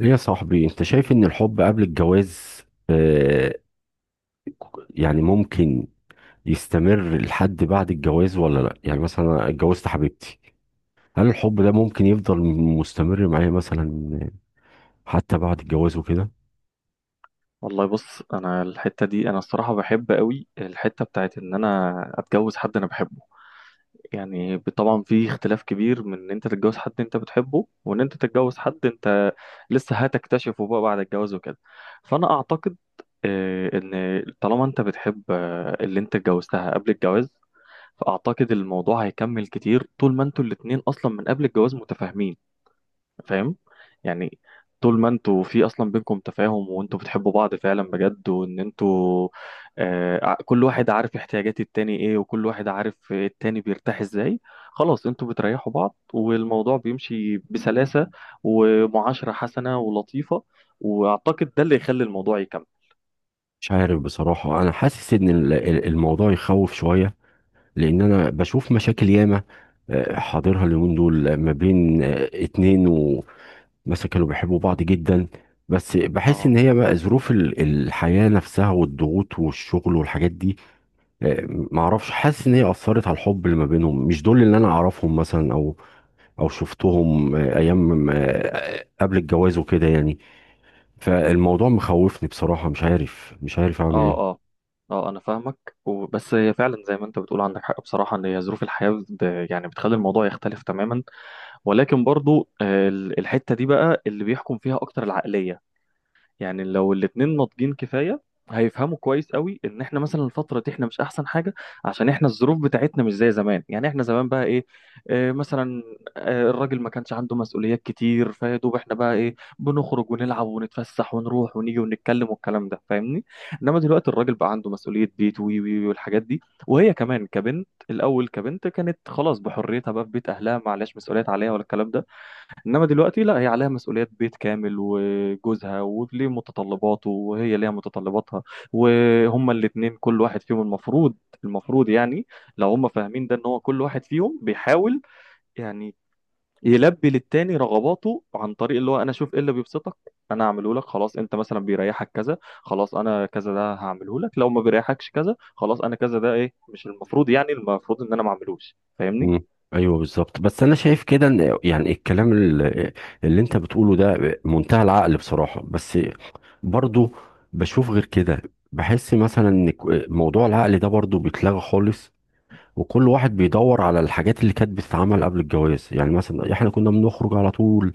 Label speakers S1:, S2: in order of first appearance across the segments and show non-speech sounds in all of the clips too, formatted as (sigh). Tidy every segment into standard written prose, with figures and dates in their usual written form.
S1: ايه يا صاحبي، انت شايف ان الحب قبل الجواز آه يعني ممكن يستمر لحد بعد الجواز ولا لا؟ يعني مثلا أنا اتجوزت حبيبتي، هل الحب ده ممكن يفضل مستمر معايا مثلا حتى بعد الجواز وكده؟
S2: والله، بص، انا الحته دي انا الصراحه بحب قوي الحته بتاعت ان انا اتجوز حد انا بحبه. يعني طبعا في اختلاف كبير من ان انت تتجوز حد انت بتحبه، وان انت تتجوز حد انت لسه هتكتشفه بقى بعد الجواز وكده. فانا اعتقد ان طالما انت بتحب اللي انت اتجوزتها قبل الجواز، فاعتقد الموضوع هيكمل كتير طول ما انتوا الاتنين اصلا من قبل الجواز متفاهمين، فاهم؟ يعني طول ما انتوا في اصلا بينكم تفاهم وانتوا بتحبوا بعض فعلا بجد، وان انتوا كل واحد عارف احتياجات التاني ايه، وكل واحد عارف التاني بيرتاح ازاي، خلاص انتوا بتريحوا بعض والموضوع بيمشي بسلاسة ومعاشرة حسنة ولطيفة. واعتقد ده اللي يخلي الموضوع يكمل.
S1: مش عارف بصراحة، انا حاسس ان الموضوع يخوف شوية، لان انا بشوف مشاكل ياما حاضرها اليومين دول ما بين اتنين مثلا كانوا بيحبوا بعض جدا، بس بحس
S2: اه،
S1: ان هي بقى ظروف الحياة نفسها والضغوط والشغل والحاجات دي. معرفش، حاسس ان هي اثرت على الحب اللي ما بينهم. مش دول اللي انا اعرفهم مثلا او او شفتهم ايام قبل الجواز وكده يعني. فالموضوع مخوفني بصراحة، مش عارف اعمل
S2: اه،
S1: ايه.
S2: اه، اه، انا فاهمك، بس هي فعلا زي ما انت بتقول، عندك حق بصراحه، ان هي ظروف الحياه يعني بتخلي الموضوع يختلف تماما. ولكن برضو الحتة دي بقى اللي بيحكم فيها أكتر العقلية. يعني لو الاتنين ناضجين كفاية، هيفهموا كويس قوي ان احنا مثلا الفتره دي احنا مش احسن حاجه، عشان احنا الظروف بتاعتنا مش زي زمان. يعني احنا زمان بقى ايه؟ اه، مثلا الراجل ما كانش عنده مسؤوليات كتير، فيا دوب احنا بقى ايه؟ بنخرج ونلعب ونتفسح ونروح ونيجي ونتكلم والكلام ده، فاهمني؟ انما دلوقتي الراجل بقى عنده مسؤوليه بيت وي وي وي والحاجات دي. وهي كمان كبنت، الاول كبنت كانت خلاص بحريتها بقى في بيت اهلها، معلش مسؤوليات عليها ولا الكلام ده. انما دلوقتي لا، هي عليها مسؤوليات بيت كامل وجوزها وليه متطلباته وهي ليها متطلباتها، وهما الاتنين كل واحد فيهم المفروض، يعني لو هما فاهمين ده ان هو كل واحد فيهم بيحاول، يعني يلبي للتاني رغباته، عن طريق اللي هو انا اشوف ايه اللي بيبسطك انا اعمله لك. خلاص، انت مثلا بيريحك كذا خلاص انا كذا ده هعمله لك، لو ما بيريحكش كذا خلاص انا كذا ده ايه مش المفروض، يعني المفروض ان انا ما اعملوش، فاهمني؟
S1: مم. ايوه بالظبط، بس انا شايف كده ان يعني الكلام اللي انت بتقوله ده منتهى العقل بصراحه، بس برضو بشوف غير كده. بحس مثلا ان موضوع العقل ده برضو بيتلغى خالص، وكل واحد بيدور على الحاجات اللي كانت بتتعمل قبل الجواز. يعني مثلا احنا كنا بنخرج على طول،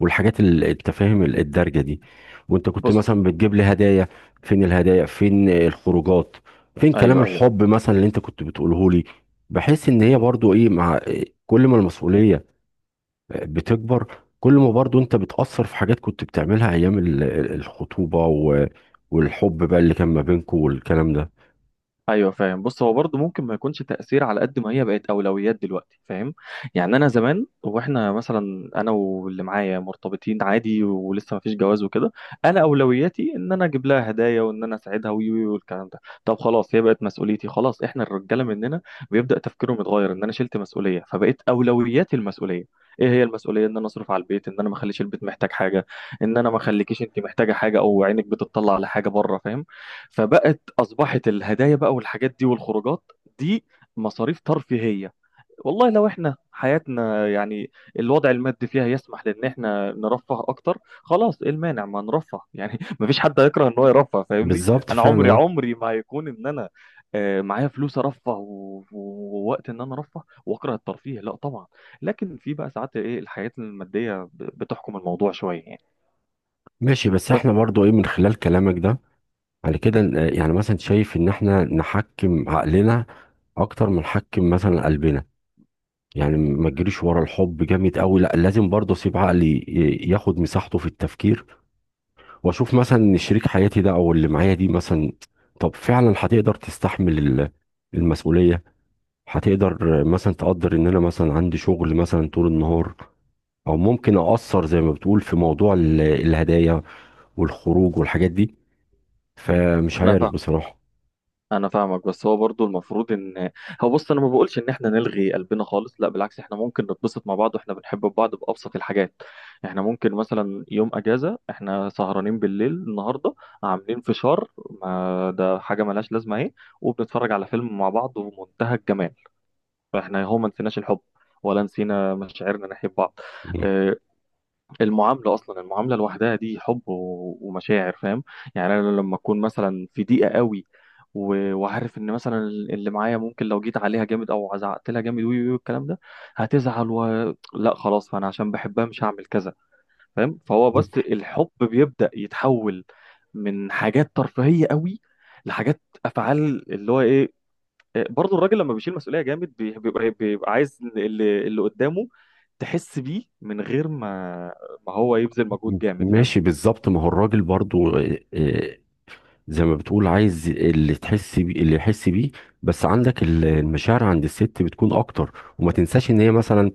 S1: والحاجات التفاهم الدارجه دي، وانت كنت
S2: بص،
S1: مثلا بتجيب لي هدايا. فين الهدايا؟ فين الخروجات؟ فين كلام
S2: ايوه، ايوه،
S1: الحب مثلا اللي انت كنت بتقوله لي؟ بحيث ان هي برضو ايه مع كل ما المسؤوليه بتكبر، كل ما برضو انت بتأثر في حاجات كنت بتعملها ايام الخطوبه، و والحب بقى اللي كان ما بينكم والكلام ده.
S2: ايوه، فاهم. بص، هو برضه ممكن ما يكونش تأثير على قد ما هي بقت أولويات دلوقتي، فاهم؟ يعني انا زمان، واحنا مثلا انا واللي معايا مرتبطين عادي ولسه ما فيش جواز وكده، انا أولوياتي ان انا اجيب لها هدايا، وان انا اساعدها وي وي والكلام ده. طب خلاص، هي بقت مسؤوليتي، خلاص احنا الرجاله مننا بيبدأ تفكيرهم يتغير ان انا شلت مسؤولية، فبقيت أولوياتي المسؤولية. ايه هي المسؤوليه؟ ان انا اصرف على البيت، ان انا ما اخليش البيت محتاج حاجه، ان انا ما اخليكيش انت محتاجه حاجه او عينك بتطلع على حاجه بره، فاهم؟ فبقت اصبحت الهدايا بقى والحاجات دي والخروجات دي مصاريف ترفيهيه. والله لو احنا حياتنا يعني الوضع المادي فيها يسمح لان احنا نرفه اكتر، خلاص ايه المانع ما نرفه يعني؟ (laughs) مفيش حد هيكره ان هو يرفه، فاهمني؟
S1: بالظبط
S2: انا
S1: فعلا
S2: عمري
S1: آه.
S2: عمري ما هيكون ان انا معايا فلوس ارفه ووقت ان انا ارفه واكره الترفيه، لا طبعا. لكن في بقى ساعات ايه؟ الحياه الماديه بتحكم الموضوع شويه، يعني.
S1: ماشي، بس
S2: بس
S1: احنا برضو ايه من خلال كلامك ده، على كده يعني مثلا شايف ان احنا نحكم عقلنا اكتر ما نحكم مثلا قلبنا. يعني ما تجريش ورا الحب جامد قوي، لا لازم برضه اسيب عقلي ياخد مساحته في التفكير، واشوف مثلا ان شريك حياتي ده او اللي معايا دي مثلا طب فعلا هتقدر تستحمل المسؤولية؟ هتقدر مثلا؟ تقدر ان انا مثلا عندي شغل مثلا طول النهار او ممكن اقصر زي ما بتقول في موضوع الهدايا والخروج والحاجات دي؟ فمش
S2: انا
S1: عارف بصراحة.
S2: انا فاهمك، بس هو برضو المفروض ان هو، بص، انا ما بقولش ان احنا نلغي قلبنا خالص، لا بالعكس، احنا ممكن نتبسط مع بعض واحنا بنحب بعض بابسط الحاجات. احنا ممكن مثلا يوم اجازه احنا سهرانين بالليل النهارده عاملين فشار، ما ده حاجه ملهاش لازمه اهي، وبنتفرج على فيلم مع بعض ومنتهى الجمال. فاحنا هو ما نسيناش الحب ولا نسينا مشاعرنا ناحيه بعض.
S1: مم.
S2: آه، المعاملة أصلا، المعاملة لوحدها دي حب ومشاعر، فاهم؟ يعني أنا لما أكون مثلا في ضيقة قوي، وعارف إن مثلا اللي معايا ممكن لو جيت عليها جامد أو زعقت لها جامد وي وي والكلام ده هتزعل لا خلاص، فأنا عشان بحبها مش هعمل كذا، فاهم؟ فهو بس الحب بيبدأ يتحول من حاجات ترفيهية قوي لحاجات أفعال اللي هو إيه. برضه الراجل لما بيشيل مسؤولية جامد بيبقى عايز اللي قدامه تحس بيه من غير ما هو يبذل مجهود جامد، فاهم؟
S1: ماشي بالظبط، ما هو الراجل برضو زي ما بتقول عايز اللي تحس بيه اللي يحس بيه، بس عندك المشاعر عند الست بتكون اكتر. وما تنساش ان هي مثلا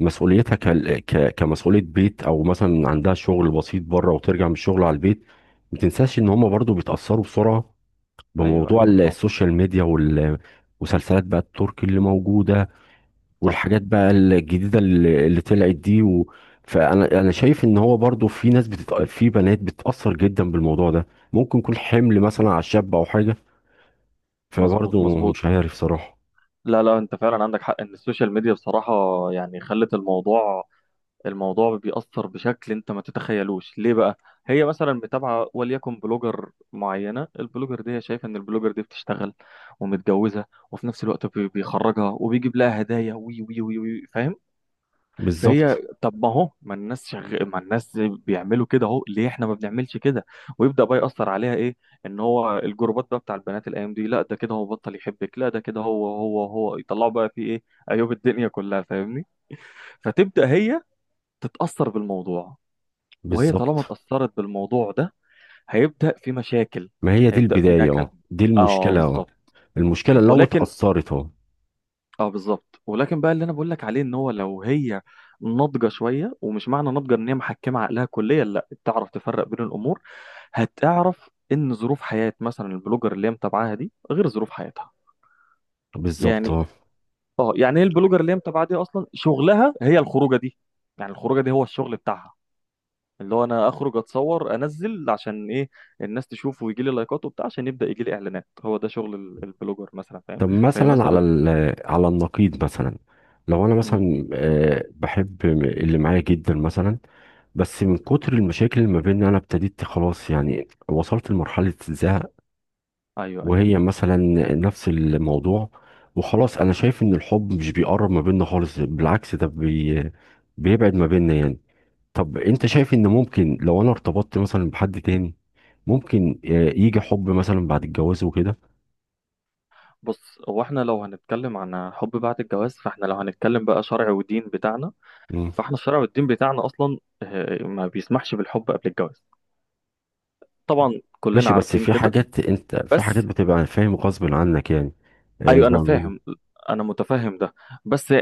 S1: مسؤوليتها كمسؤولية بيت، او مثلا عندها شغل بسيط بره وترجع من الشغل على البيت. ما تنساش ان هم برضو بيتأثروا بسرعة
S2: ايوه،
S1: بموضوع
S2: ايوه، طب،
S1: السوشيال ميديا والمسلسلات بقى التركي اللي موجودة
S2: صح،
S1: والحاجات بقى الجديدة اللي طلعت دي. و... فأنا شايف إن هو برضو في ناس بتت... في بنات بتتأثر جدا بالموضوع ده، ممكن يكون حمل مثلا على الشاب أو حاجة.
S2: مظبوط،
S1: فبرضو
S2: مظبوط،
S1: مش عارف صراحة.
S2: لا، لا، انت فعلا عندك حق ان السوشيال ميديا بصراحة يعني خلت الموضوع، بيأثر بشكل انت ما تتخيلوش، ليه بقى؟ هي مثلا متابعة وليكن بلوجر معينة، البلوجر دي هي شايفة ان البلوجر دي بتشتغل ومتجوزة، وفي نفس الوقت بيخرجها وبيجيب لها هدايا وي وي وي وي، فاهم؟ فهي
S1: بالظبط
S2: طب ما هو ما الناس بيعملوا كده اهو، ليه احنا ما بنعملش كده؟ ويبدأ بقى يأثر عليها ايه؟ ان هو الجروبات بقى بتاع البنات الايام دي، لا ده كده هو بطل يحبك، لا ده كده هو هو هو يطلعوا بقى فيه ايه؟ عيوب الدنيا كلها، فاهمني؟ فتبدأ هي تتأثر بالموضوع. وهي طالما
S1: بالظبط.
S2: اتأثرت بالموضوع ده هيبدأ في مشاكل،
S1: ما هي دي
S2: هيبدأ في
S1: البداية،
S2: نكد.
S1: اه دي
S2: اه
S1: المشكلة، اه
S2: بالظبط.
S1: المشكلة لو
S2: ولكن،
S1: اتأثرت اه.
S2: اه بالظبط، ولكن بقى اللي انا بقول لك عليه، ان هو لو هي ناضجه شويه، ومش معنى ناضجه ان هي محكمه عقلها كليا، لا بتعرف تفرق بين الامور. هتعرف ان ظروف حياه مثلا البلوجر اللي هي متابعاها دي غير ظروف حياتها،
S1: بالظبط
S2: يعني.
S1: اه.
S2: اه يعني هي البلوجر اللي هي متابعاها دي اصلا شغلها هي الخروجه دي، يعني الخروجه دي هو الشغل بتاعها، اللي هو انا اخرج اتصور انزل عشان ايه؟ الناس تشوف ويجي لي لايكات وبتاع عشان يبدا يجي لي اعلانات. هو ده شغل البلوجر مثلا، فاهم؟
S1: طب
S2: فهي
S1: مثلا على
S2: مثلا.
S1: على النقيض مثلا، لو انا
S2: امم.
S1: مثلا بحب اللي معايا جدا مثلا، بس من كتر المشاكل اللي ما بيننا انا ابتديت خلاص يعني وصلت لمرحلة زهق،
S2: ايوه، ايوه.
S1: وهي مثلا نفس الموضوع. وخلاص انا شايف ان الحب مش بيقرب ما بيننا خالص، بالعكس ده بيبعد ما بيننا يعني. طب انت شايف ان ممكن لو انا ارتبطت مثلا بحد تاني ممكن يجي حب مثلا بعد الجواز وكده؟
S2: بص، هو احنا لو هنتكلم عن حب بعد الجواز، فاحنا لو هنتكلم بقى شرع ودين بتاعنا. فاحنا الشرع والدين بتاعنا اصلا ما بيسمحش بالحب قبل الجواز، طبعا كلنا
S1: ماشي، بس
S2: عارفين
S1: في
S2: كده.
S1: حاجات انت في حاجات
S2: بس،
S1: بتبقى فاهم غصب عنك يعني
S2: ايوه،
S1: زي
S2: انا
S1: ما بيقولوا.
S2: فاهم، انا متفهم ده. بس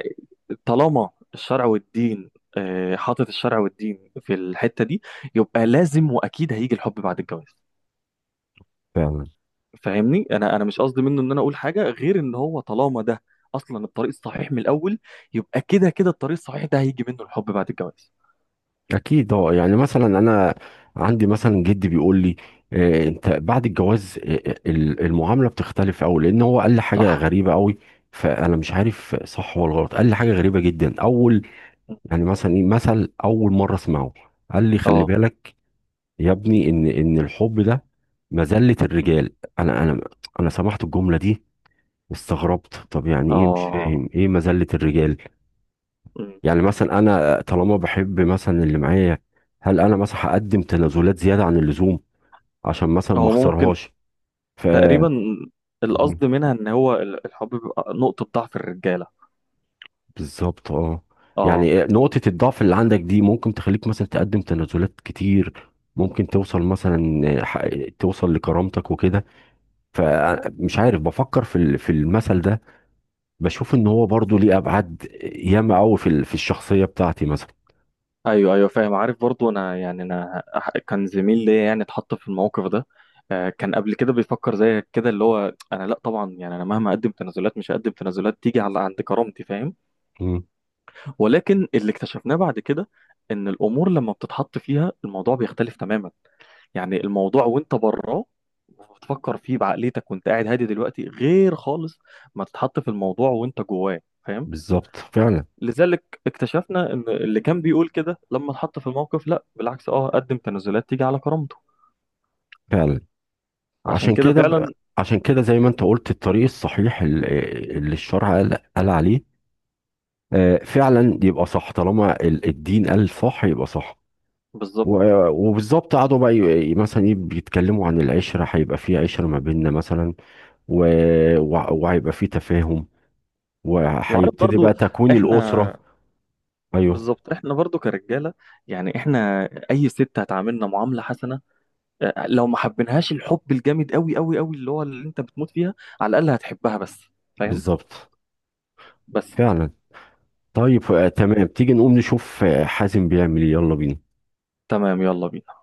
S2: طالما الشرع والدين حاطط الشرع والدين في الحتة دي، يبقى لازم واكيد هيجي الحب بعد الجواز.
S1: فعلا
S2: فاهمني، انا مش قصدي منه ان انا اقول حاجه غير ان هو طالما ده اصلا الطريق الصحيح من الاول، يبقى كده كده الطريق الصحيح ده هيجي منه الحب بعد الجواز.
S1: اكيد اه. يعني مثلا انا عندي مثلا جدي بيقول لي انت بعد الجواز المعامله بتختلف قوي، لان هو قال لي حاجه
S2: صح.
S1: غريبه قوي، فانا مش عارف صح ولا غلط. قال لي حاجه غريبه جدا اول، يعني مثلا ايه مثل اول مره اسمعه. قال لي خلي
S2: اه،
S1: بالك يا ابني ان الحب ده مذله الرجال. انا انا انا سمعت الجمله دي استغربت، طب يعني ايه؟ مش
S2: اه.
S1: فاهم ايه مذلة الرجال.
S2: مم.
S1: يعني مثلا انا طالما بحب مثلا اللي معايا، هل انا مثلا هقدم تنازلات زيادة عن اللزوم عشان مثلا ما
S2: هو ممكن،
S1: اخسرهاش؟ ف
S2: تقريبا القصد منها
S1: (laughs)
S2: ان هو الحب بيبقى نقطه ضعف الرجاله.
S1: بالظبط اه.
S2: اه،
S1: يعني نقطة الضعف اللي عندك دي ممكن تخليك مثلا تقدم تنازلات كتير، ممكن توصل مثلا ح- توصل لكرامتك وكده. فمش عارف، بفكر في في المثل ده، بشوف ان هو برضو ليه ابعاد ياما قوي في في الشخصية بتاعتي مثلا.
S2: ايوه، ايوه، فاهم. عارف برضو انا يعني كان زميل ليا يعني اتحط في الموقف ده. كان قبل كده بيفكر زي كده اللي هو: انا لا طبعا، يعني انا مهما اقدم تنازلات مش هقدم تنازلات تيجي على عند كرامتي، فاهم؟ ولكن اللي اكتشفناه بعد كده ان الامور لما بتتحط فيها الموضوع بيختلف تماما. يعني الموضوع وانت براه بتفكر فيه بعقليتك وانت قاعد هادي دلوقتي غير خالص ما تتحط في الموضوع وانت جواه، فاهم؟
S1: بالظبط فعلا.
S2: لذلك اكتشفنا ان اللي كان بيقول كده لما اتحط في الموقف، لا بالعكس، اه، قدم تنازلات تيجي على كرامته.
S1: فعلا
S2: عشان
S1: وعشان
S2: كده
S1: كده ب...
S2: فعلا
S1: عشان كده زي ما انت قلت الطريق الصحيح اللي الشرع قال عليه، فعلا يبقى صح. طالما الدين قال صح يبقى صح.
S2: بالظبط.
S1: وبالظبط قعدوا بقى مثلا بيتكلموا عن العشرة، هيبقى في عشرة ما بيننا مثلا و... وهيبقى في تفاهم،
S2: وعارف
S1: وهيبتدي
S2: برضو
S1: بقى تكوين
S2: احنا،
S1: الأسرة. ايوه
S2: بالظبط، احنا برضو كرجاله، يعني احنا اي ست هتعاملنا معامله حسنه، لو ما حبينهاش الحب الجامد قوي قوي قوي اللي هو اللي انت بتموت فيها، على الاقل هتحبها، بس فاهم؟
S1: بالظبط
S2: بس
S1: فعلا. طيب تمام، تيجي نقوم نشوف حازم بيعمل ايه؟ يلا بينا.
S2: تمام، يلا بينا.